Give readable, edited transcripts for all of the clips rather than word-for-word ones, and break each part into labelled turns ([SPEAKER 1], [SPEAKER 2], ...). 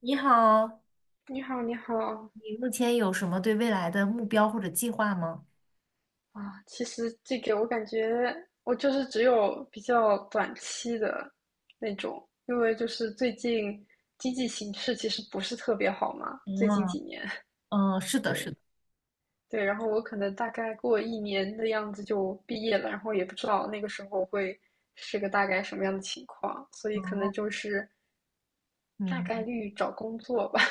[SPEAKER 1] 你好，
[SPEAKER 2] 你好，你好
[SPEAKER 1] 你目前有什么对未来的目标或者计划吗？
[SPEAKER 2] 啊！其实这个我感觉我就是只有比较短期的那种，因为就是最近经济形势其实不是特别好嘛，最近
[SPEAKER 1] 嗯
[SPEAKER 2] 几年，
[SPEAKER 1] 嗯，是 的，
[SPEAKER 2] 对
[SPEAKER 1] 是的。
[SPEAKER 2] 对，然后我可能大概过1年的样子就毕业了，然后也不知道那个时候会是个大概什么样的情况，所以可能
[SPEAKER 1] 哦，
[SPEAKER 2] 就是大
[SPEAKER 1] 明
[SPEAKER 2] 概
[SPEAKER 1] 白。
[SPEAKER 2] 率找工作吧。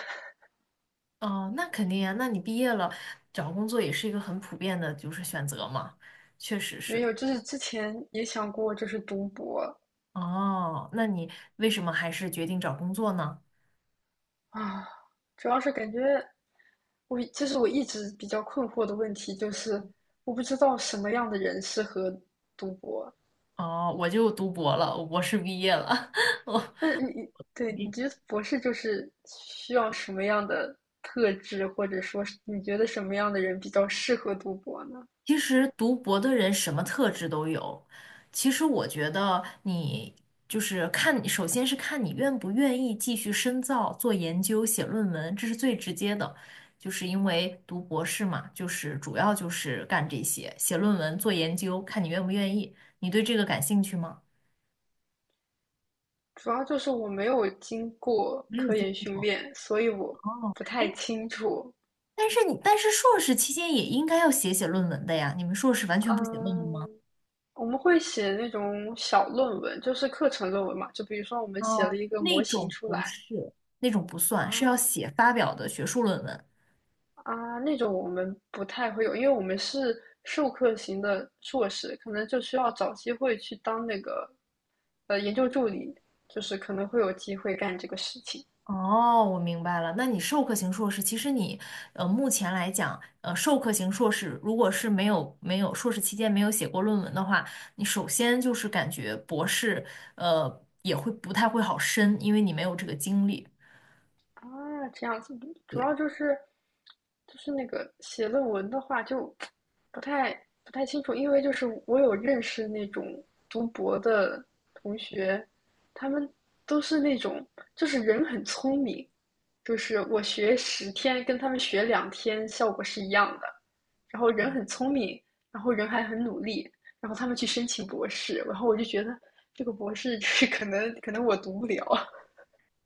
[SPEAKER 1] 哦，那肯定呀，那你毕业了，找工作也是一个很普遍的，就是选择嘛，确实
[SPEAKER 2] 没
[SPEAKER 1] 是。
[SPEAKER 2] 有，就是之前也想过就是读博。
[SPEAKER 1] 哦，那你为什么还是决定找工作呢？
[SPEAKER 2] 啊，主要是感觉我其实我一直比较困惑的问题就是，我不知道什么样的人适合读博。
[SPEAKER 1] 哦，我就读博了，我博士毕业了。
[SPEAKER 2] 那你对你觉 得博士就是需要什么样的特质，或者说是你觉得什么样的人比较适合读博呢？
[SPEAKER 1] 其实读博的人什么特质都有。其实我觉得你就是看，首先是看你愿不愿意继续深造、做研究、写论文，这是最直接的。就是因为读博士嘛，就是主要就是干这些，写论文、做研究，看你愿不愿意。你对这个感兴趣吗？
[SPEAKER 2] 主要就是我没有经过
[SPEAKER 1] 没有
[SPEAKER 2] 科
[SPEAKER 1] 经
[SPEAKER 2] 研
[SPEAKER 1] 历
[SPEAKER 2] 训
[SPEAKER 1] 过。
[SPEAKER 2] 练，所以我
[SPEAKER 1] 哦，
[SPEAKER 2] 不太
[SPEAKER 1] 哎，
[SPEAKER 2] 清楚。
[SPEAKER 1] 但是硕士期间也应该要写写论文的呀，你们硕士完全不写论文吗？
[SPEAKER 2] 嗯，我们会写那种小论文，就是课程论文嘛。就比如说，我们写了
[SPEAKER 1] 哦，
[SPEAKER 2] 一个
[SPEAKER 1] 那
[SPEAKER 2] 模型
[SPEAKER 1] 种
[SPEAKER 2] 出
[SPEAKER 1] 不
[SPEAKER 2] 来
[SPEAKER 1] 是，那种不算，是
[SPEAKER 2] 啊。
[SPEAKER 1] 要写发表的学术论文。
[SPEAKER 2] 啊，那种我们不太会有，因为我们是授课型的硕士，可能就需要找机会去当那个研究助理，就是可能会有机会干这个事情。
[SPEAKER 1] 哦，我明白了。那你授课型硕士，其实你目前来讲，授课型硕士如果是没有硕士期间没有写过论文的话，你首先就是感觉博士也会不太会好申，因为你没有这个经历。
[SPEAKER 2] 啊，这样子。主要
[SPEAKER 1] 对。
[SPEAKER 2] 就是那个写论文的话，就不太不太清楚，因为就是我有认识那种读博的同学，他们都是那种就是人很聪明，就是我学10天跟他们学2天效果是一样的，然后人很聪明，然后人还很努力，然后他们去申请博士，然后我就觉得这个博士 就是可能我读不了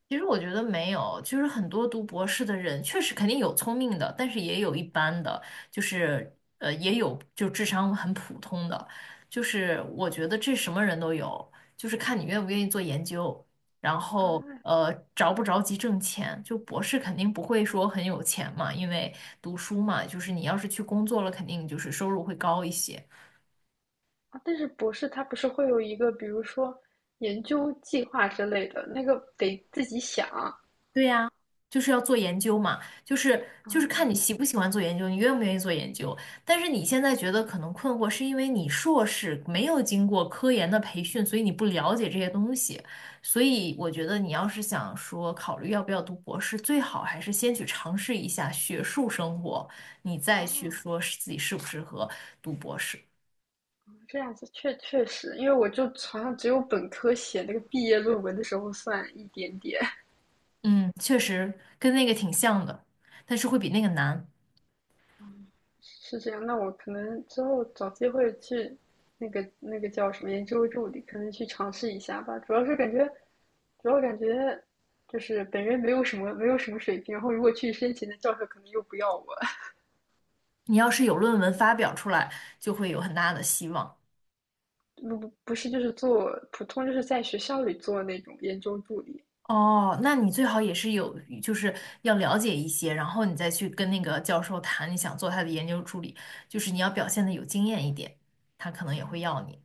[SPEAKER 1] 其实我觉得没有，就是很多读博士的人，确实肯定有聪明的，但是也有一般的，就是也有就智商很普通的，就是我觉得这什么人都有，就是看你愿不愿意做研究，然后
[SPEAKER 2] 啊。
[SPEAKER 1] 着不着急挣钱，就博士肯定不会说很有钱嘛，因为读书嘛，就是你要是去工作了，肯定就是收入会高一些，
[SPEAKER 2] 啊，但是博士他不是会有一个，比如说研究计划之类的，那个得自己想啊。
[SPEAKER 1] 对呀，就是要做研究嘛，就是看你喜不喜欢做研究，你愿不愿意做研究。但是你现在觉得可能困惑，是因为你硕士没有经过科研的培训，所以你不了解这些东西。所以我觉得你要是想说考虑要不要读博士，最好还是先去尝试一下学术生活，你再去
[SPEAKER 2] 啊，
[SPEAKER 1] 说是自己适不适合读博士。
[SPEAKER 2] 这样子。确实，因为我就好像只有本科写那个毕业论文的时候算一点点，
[SPEAKER 1] 嗯，确实跟那个挺像的，但是会比那个难。
[SPEAKER 2] 是这样。那我可能之后找机会去那个叫什么研究助理，可能去尝试一下吧。主要是感觉，主要感觉就是本人没有什么水平，然后如果去申请的教授可能又不要我。
[SPEAKER 1] 你要是有论文发表出来，就会有很大的希望。
[SPEAKER 2] 不不不是，就是做普通，就是在学校里做那种研究助理。
[SPEAKER 1] 哦，那你最好也是有，就是要了解一些，然后你再去跟那个教授谈你想做他的研究助理，就是你要表现的有经验一点，他可能也会要你。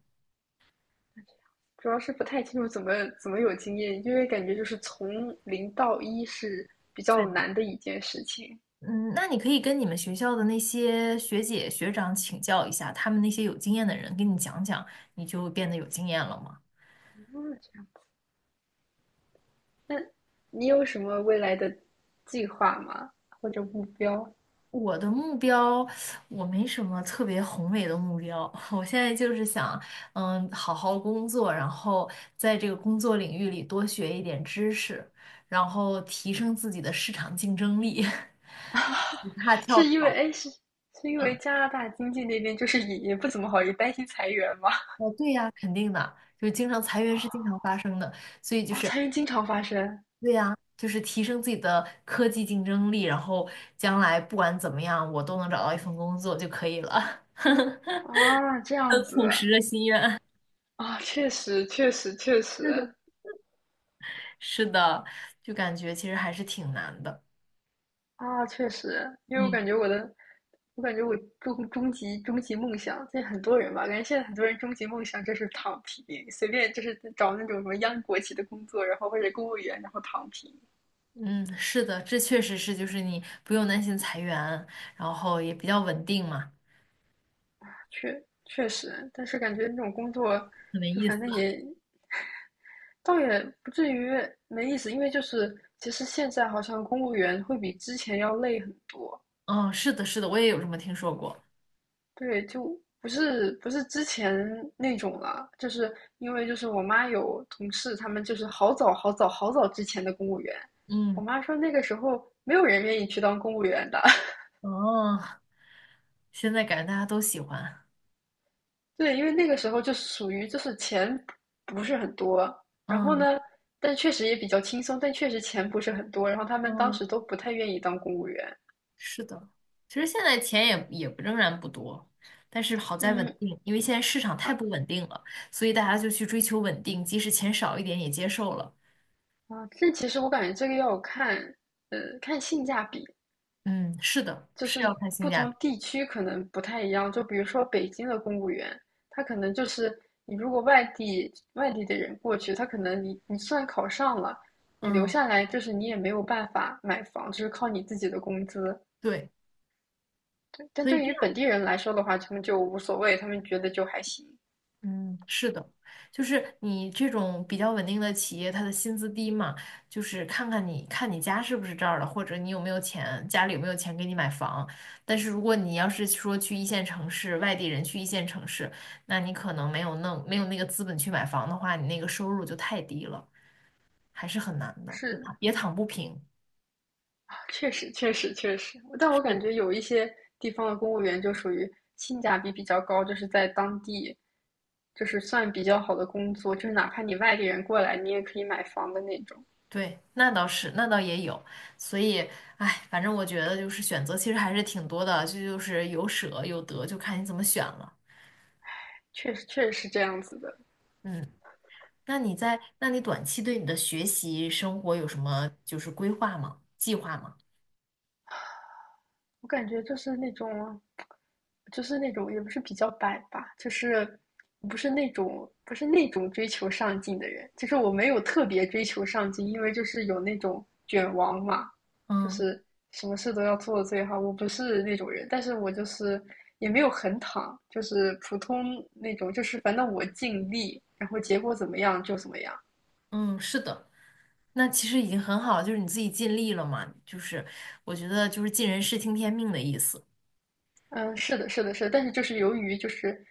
[SPEAKER 2] 主要是不太清楚怎么有经验，因为感觉就是从零到一是比
[SPEAKER 1] 对
[SPEAKER 2] 较
[SPEAKER 1] 的。
[SPEAKER 2] 难的一件事情。
[SPEAKER 1] 嗯，那你可以跟你们学校的那些学姐学长请教一下，他们那些有经验的人给你讲讲，你就变得有经验了嘛。
[SPEAKER 2] 哦，这样。那你有什么未来的计划吗？或者目标？
[SPEAKER 1] 我的目标，我没什么特别宏伟的目标。我现在就是想，好好工作，然后在这个工作领域里多学一点知识，然后提升自己的市场竞争力，不怕跳
[SPEAKER 2] 是因为
[SPEAKER 1] 槽。
[SPEAKER 2] 哎，是因为
[SPEAKER 1] 嗯，
[SPEAKER 2] 加拿大经济那边就是也不怎么好，也担心裁员吗？
[SPEAKER 1] 哦，对呀，就是经常裁员是经常发生的，所以 就
[SPEAKER 2] 哦，
[SPEAKER 1] 是
[SPEAKER 2] 裁员经常发生
[SPEAKER 1] 对呀，就是提升自己的科技竞争力，然后将来不管怎么样，我都能找到一份工作就可以了。
[SPEAKER 2] 啊。这样
[SPEAKER 1] 很
[SPEAKER 2] 子
[SPEAKER 1] 朴实的心愿。
[SPEAKER 2] 啊，确实确实确实。
[SPEAKER 1] 是的，就感觉其实还是挺难的。
[SPEAKER 2] 啊，确实，因为我
[SPEAKER 1] 嗯，
[SPEAKER 2] 感觉我的，我感觉我终极梦想，这很多人吧，感觉现在很多人终极梦想就是躺平，随便就是找那种什么央国企的工作，然后或者公务员，然后躺平。
[SPEAKER 1] 嗯，是的，这确实是，就是你不用担心裁员，然后也比较稳定嘛，
[SPEAKER 2] 确实，但是感觉那种工作，
[SPEAKER 1] 很没
[SPEAKER 2] 就
[SPEAKER 1] 意思。
[SPEAKER 2] 反正也倒也不至于没意思，因为就是其实现在好像公务员会比之前要累很多。
[SPEAKER 1] 嗯，是的，是的，我也有这么听说过。
[SPEAKER 2] 对，就不是之前那种了，就是因为就是我妈有同事，他们就是好早好早好早之前的公务员，
[SPEAKER 1] 嗯，
[SPEAKER 2] 我妈说那个时候没有人愿意去当公务员的。
[SPEAKER 1] 哦，现在感觉大家都喜欢。
[SPEAKER 2] 对，因为那个时候就属于就是钱不是很多，然后
[SPEAKER 1] 嗯
[SPEAKER 2] 呢，但确实也比较轻松，但确实钱不是很多，然后他们当
[SPEAKER 1] 嗯，
[SPEAKER 2] 时都不太愿意当公务员。
[SPEAKER 1] 是的，其实现在钱也仍然不多，但是好在稳
[SPEAKER 2] 嗯
[SPEAKER 1] 定，因为现在市场
[SPEAKER 2] 啊
[SPEAKER 1] 太不稳定了，所以大家就去追求稳定，即使钱少一点也接受了。
[SPEAKER 2] 啊，这其实我感觉这个要看，看性价比。
[SPEAKER 1] 嗯，是的，
[SPEAKER 2] 就
[SPEAKER 1] 是
[SPEAKER 2] 是
[SPEAKER 1] 要看性
[SPEAKER 2] 不
[SPEAKER 1] 价
[SPEAKER 2] 同
[SPEAKER 1] 比。
[SPEAKER 2] 地区可能不太一样。就比如说北京的公务员，他可能就是你如果外地的人过去，他可能你算考上了，你留
[SPEAKER 1] 嗯，
[SPEAKER 2] 下来就是你也没有办法买房，就是靠你自己的工资。
[SPEAKER 1] 对。
[SPEAKER 2] 但
[SPEAKER 1] 所以
[SPEAKER 2] 对
[SPEAKER 1] 这
[SPEAKER 2] 于
[SPEAKER 1] 样，
[SPEAKER 2] 本地人来说的话，他们就无所谓，他们觉得就还行。
[SPEAKER 1] 嗯，是的，就是你这种比较稳定的企业，它的薪资低嘛，就是看你家是不是这儿的，或者你有没有钱，家里有没有钱给你买房。但是如果你要是说去一线城市，外地人去一线城市，那你可能没有那个资本去买房的话，你那个收入就太低了，还是很难的，
[SPEAKER 2] 是，
[SPEAKER 1] 也躺不平。
[SPEAKER 2] 确实，确实，确实，但我感
[SPEAKER 1] 是，
[SPEAKER 2] 觉有一些地方的公务员就属于性价比比较高，就是在当地，就是算比较好的工作，就是哪怕你外地人过来，你也可以买房的那种。
[SPEAKER 1] 对，那倒是，那倒也有，所以，哎，反正我觉得就是选择其实还是挺多的，这就是有舍有得，就看你怎么选了。
[SPEAKER 2] 确实，确实是这样子的。
[SPEAKER 1] 嗯，那你短期对你的学习生活有什么就是规划吗？计划吗？
[SPEAKER 2] 我感觉就是那种，就是那种也不是比较摆吧，就是不是那种追求上进的人，就是我没有特别追求上进，因为就是有那种卷王嘛，就
[SPEAKER 1] 嗯
[SPEAKER 2] 是什么事都要做得最好，我不是那种人，但是我就是也没有很躺，就是普通那种，就是反正我尽力，然后结果怎么样就怎么样。
[SPEAKER 1] 嗯，是的，那其实已经很好了就是你自己尽力了嘛，就是我觉得就是尽人事听天命的意思，
[SPEAKER 2] 嗯，是的，是的，是的，但是就是由于就是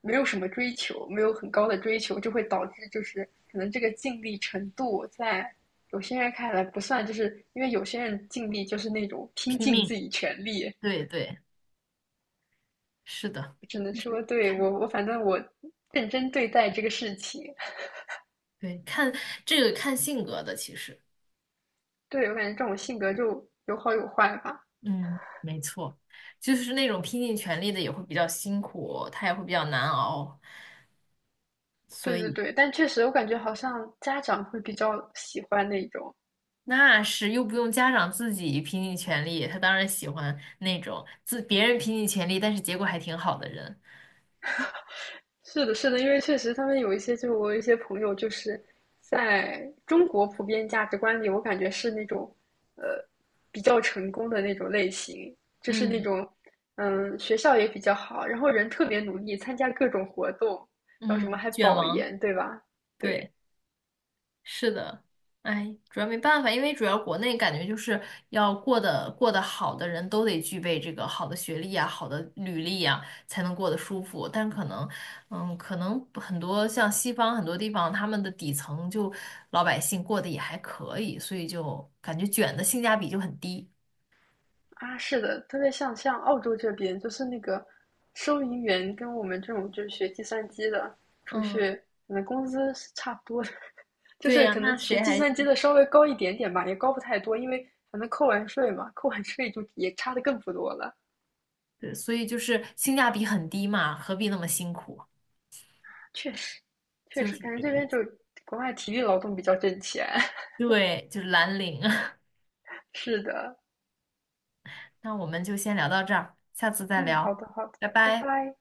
[SPEAKER 2] 没有什么追求，没有很高的追求，就会导致就是可能这个尽力程度在有些人看来不算，就是因为有些人尽力就是那种拼
[SPEAKER 1] 拼
[SPEAKER 2] 尽自
[SPEAKER 1] 命。
[SPEAKER 2] 己全力，
[SPEAKER 1] 对对，是的，
[SPEAKER 2] 我只能
[SPEAKER 1] 就是
[SPEAKER 2] 说对我反正我认真对待这个事情。
[SPEAKER 1] 对，看这个看性格的，其实。
[SPEAKER 2] 对，我感觉这种性格就有好有坏吧。
[SPEAKER 1] 嗯，没错，就是那种拼尽全力的也会比较辛苦，他也会比较难熬，所
[SPEAKER 2] 对对
[SPEAKER 1] 以
[SPEAKER 2] 对，但确实我感觉好像家长会比较喜欢那种。
[SPEAKER 1] 那是又不用家长自己拼尽全力，他当然喜欢那种自别人拼尽全力，但是结果还挺好的人。
[SPEAKER 2] 是的，是的，因为确实他们有一些，就我有一些朋友，就是在中国普遍价值观里，我感觉是那种，呃，比较成功的那种类型，就是那
[SPEAKER 1] 嗯
[SPEAKER 2] 种，嗯，学校也比较好，然后人特别努力，参加各种活动，然后什么
[SPEAKER 1] 嗯，
[SPEAKER 2] 还
[SPEAKER 1] 卷
[SPEAKER 2] 保
[SPEAKER 1] 王，
[SPEAKER 2] 研，对吧？对。
[SPEAKER 1] 对。是的，哎，主要没办法，因为主要国内感觉就是要过得好的人都得具备这个好的学历啊、好的履历啊，才能过得舒服。但可能，可能很多像西方很多地方，他们的底层就老百姓过得也还可以，所以就感觉卷的性价比就很低。
[SPEAKER 2] 啊，是的，特别像澳洲这边，就是那个收银员跟我们这种就是学计算机的出
[SPEAKER 1] 嗯，
[SPEAKER 2] 去，可能工资是差不多的，就
[SPEAKER 1] 对
[SPEAKER 2] 是
[SPEAKER 1] 呀，
[SPEAKER 2] 可
[SPEAKER 1] 那
[SPEAKER 2] 能学
[SPEAKER 1] 谁
[SPEAKER 2] 计
[SPEAKER 1] 还
[SPEAKER 2] 算机的稍微高一点点吧，也高不太多，因为反正扣完税嘛，扣完税就也差的更不多了。
[SPEAKER 1] 对，所以就是性价比很低嘛，何必那么辛苦？
[SPEAKER 2] 确实，确
[SPEAKER 1] 就
[SPEAKER 2] 实，
[SPEAKER 1] 是
[SPEAKER 2] 感觉
[SPEAKER 1] 这个
[SPEAKER 2] 这
[SPEAKER 1] 意
[SPEAKER 2] 边
[SPEAKER 1] 思。
[SPEAKER 2] 就国外体力劳动比较挣钱。
[SPEAKER 1] 对，就是蓝领。
[SPEAKER 2] 是的，
[SPEAKER 1] 那我们就先聊到这儿，下次再
[SPEAKER 2] 嗯，好
[SPEAKER 1] 聊，
[SPEAKER 2] 的，好的，
[SPEAKER 1] 拜
[SPEAKER 2] 拜
[SPEAKER 1] 拜。
[SPEAKER 2] 拜。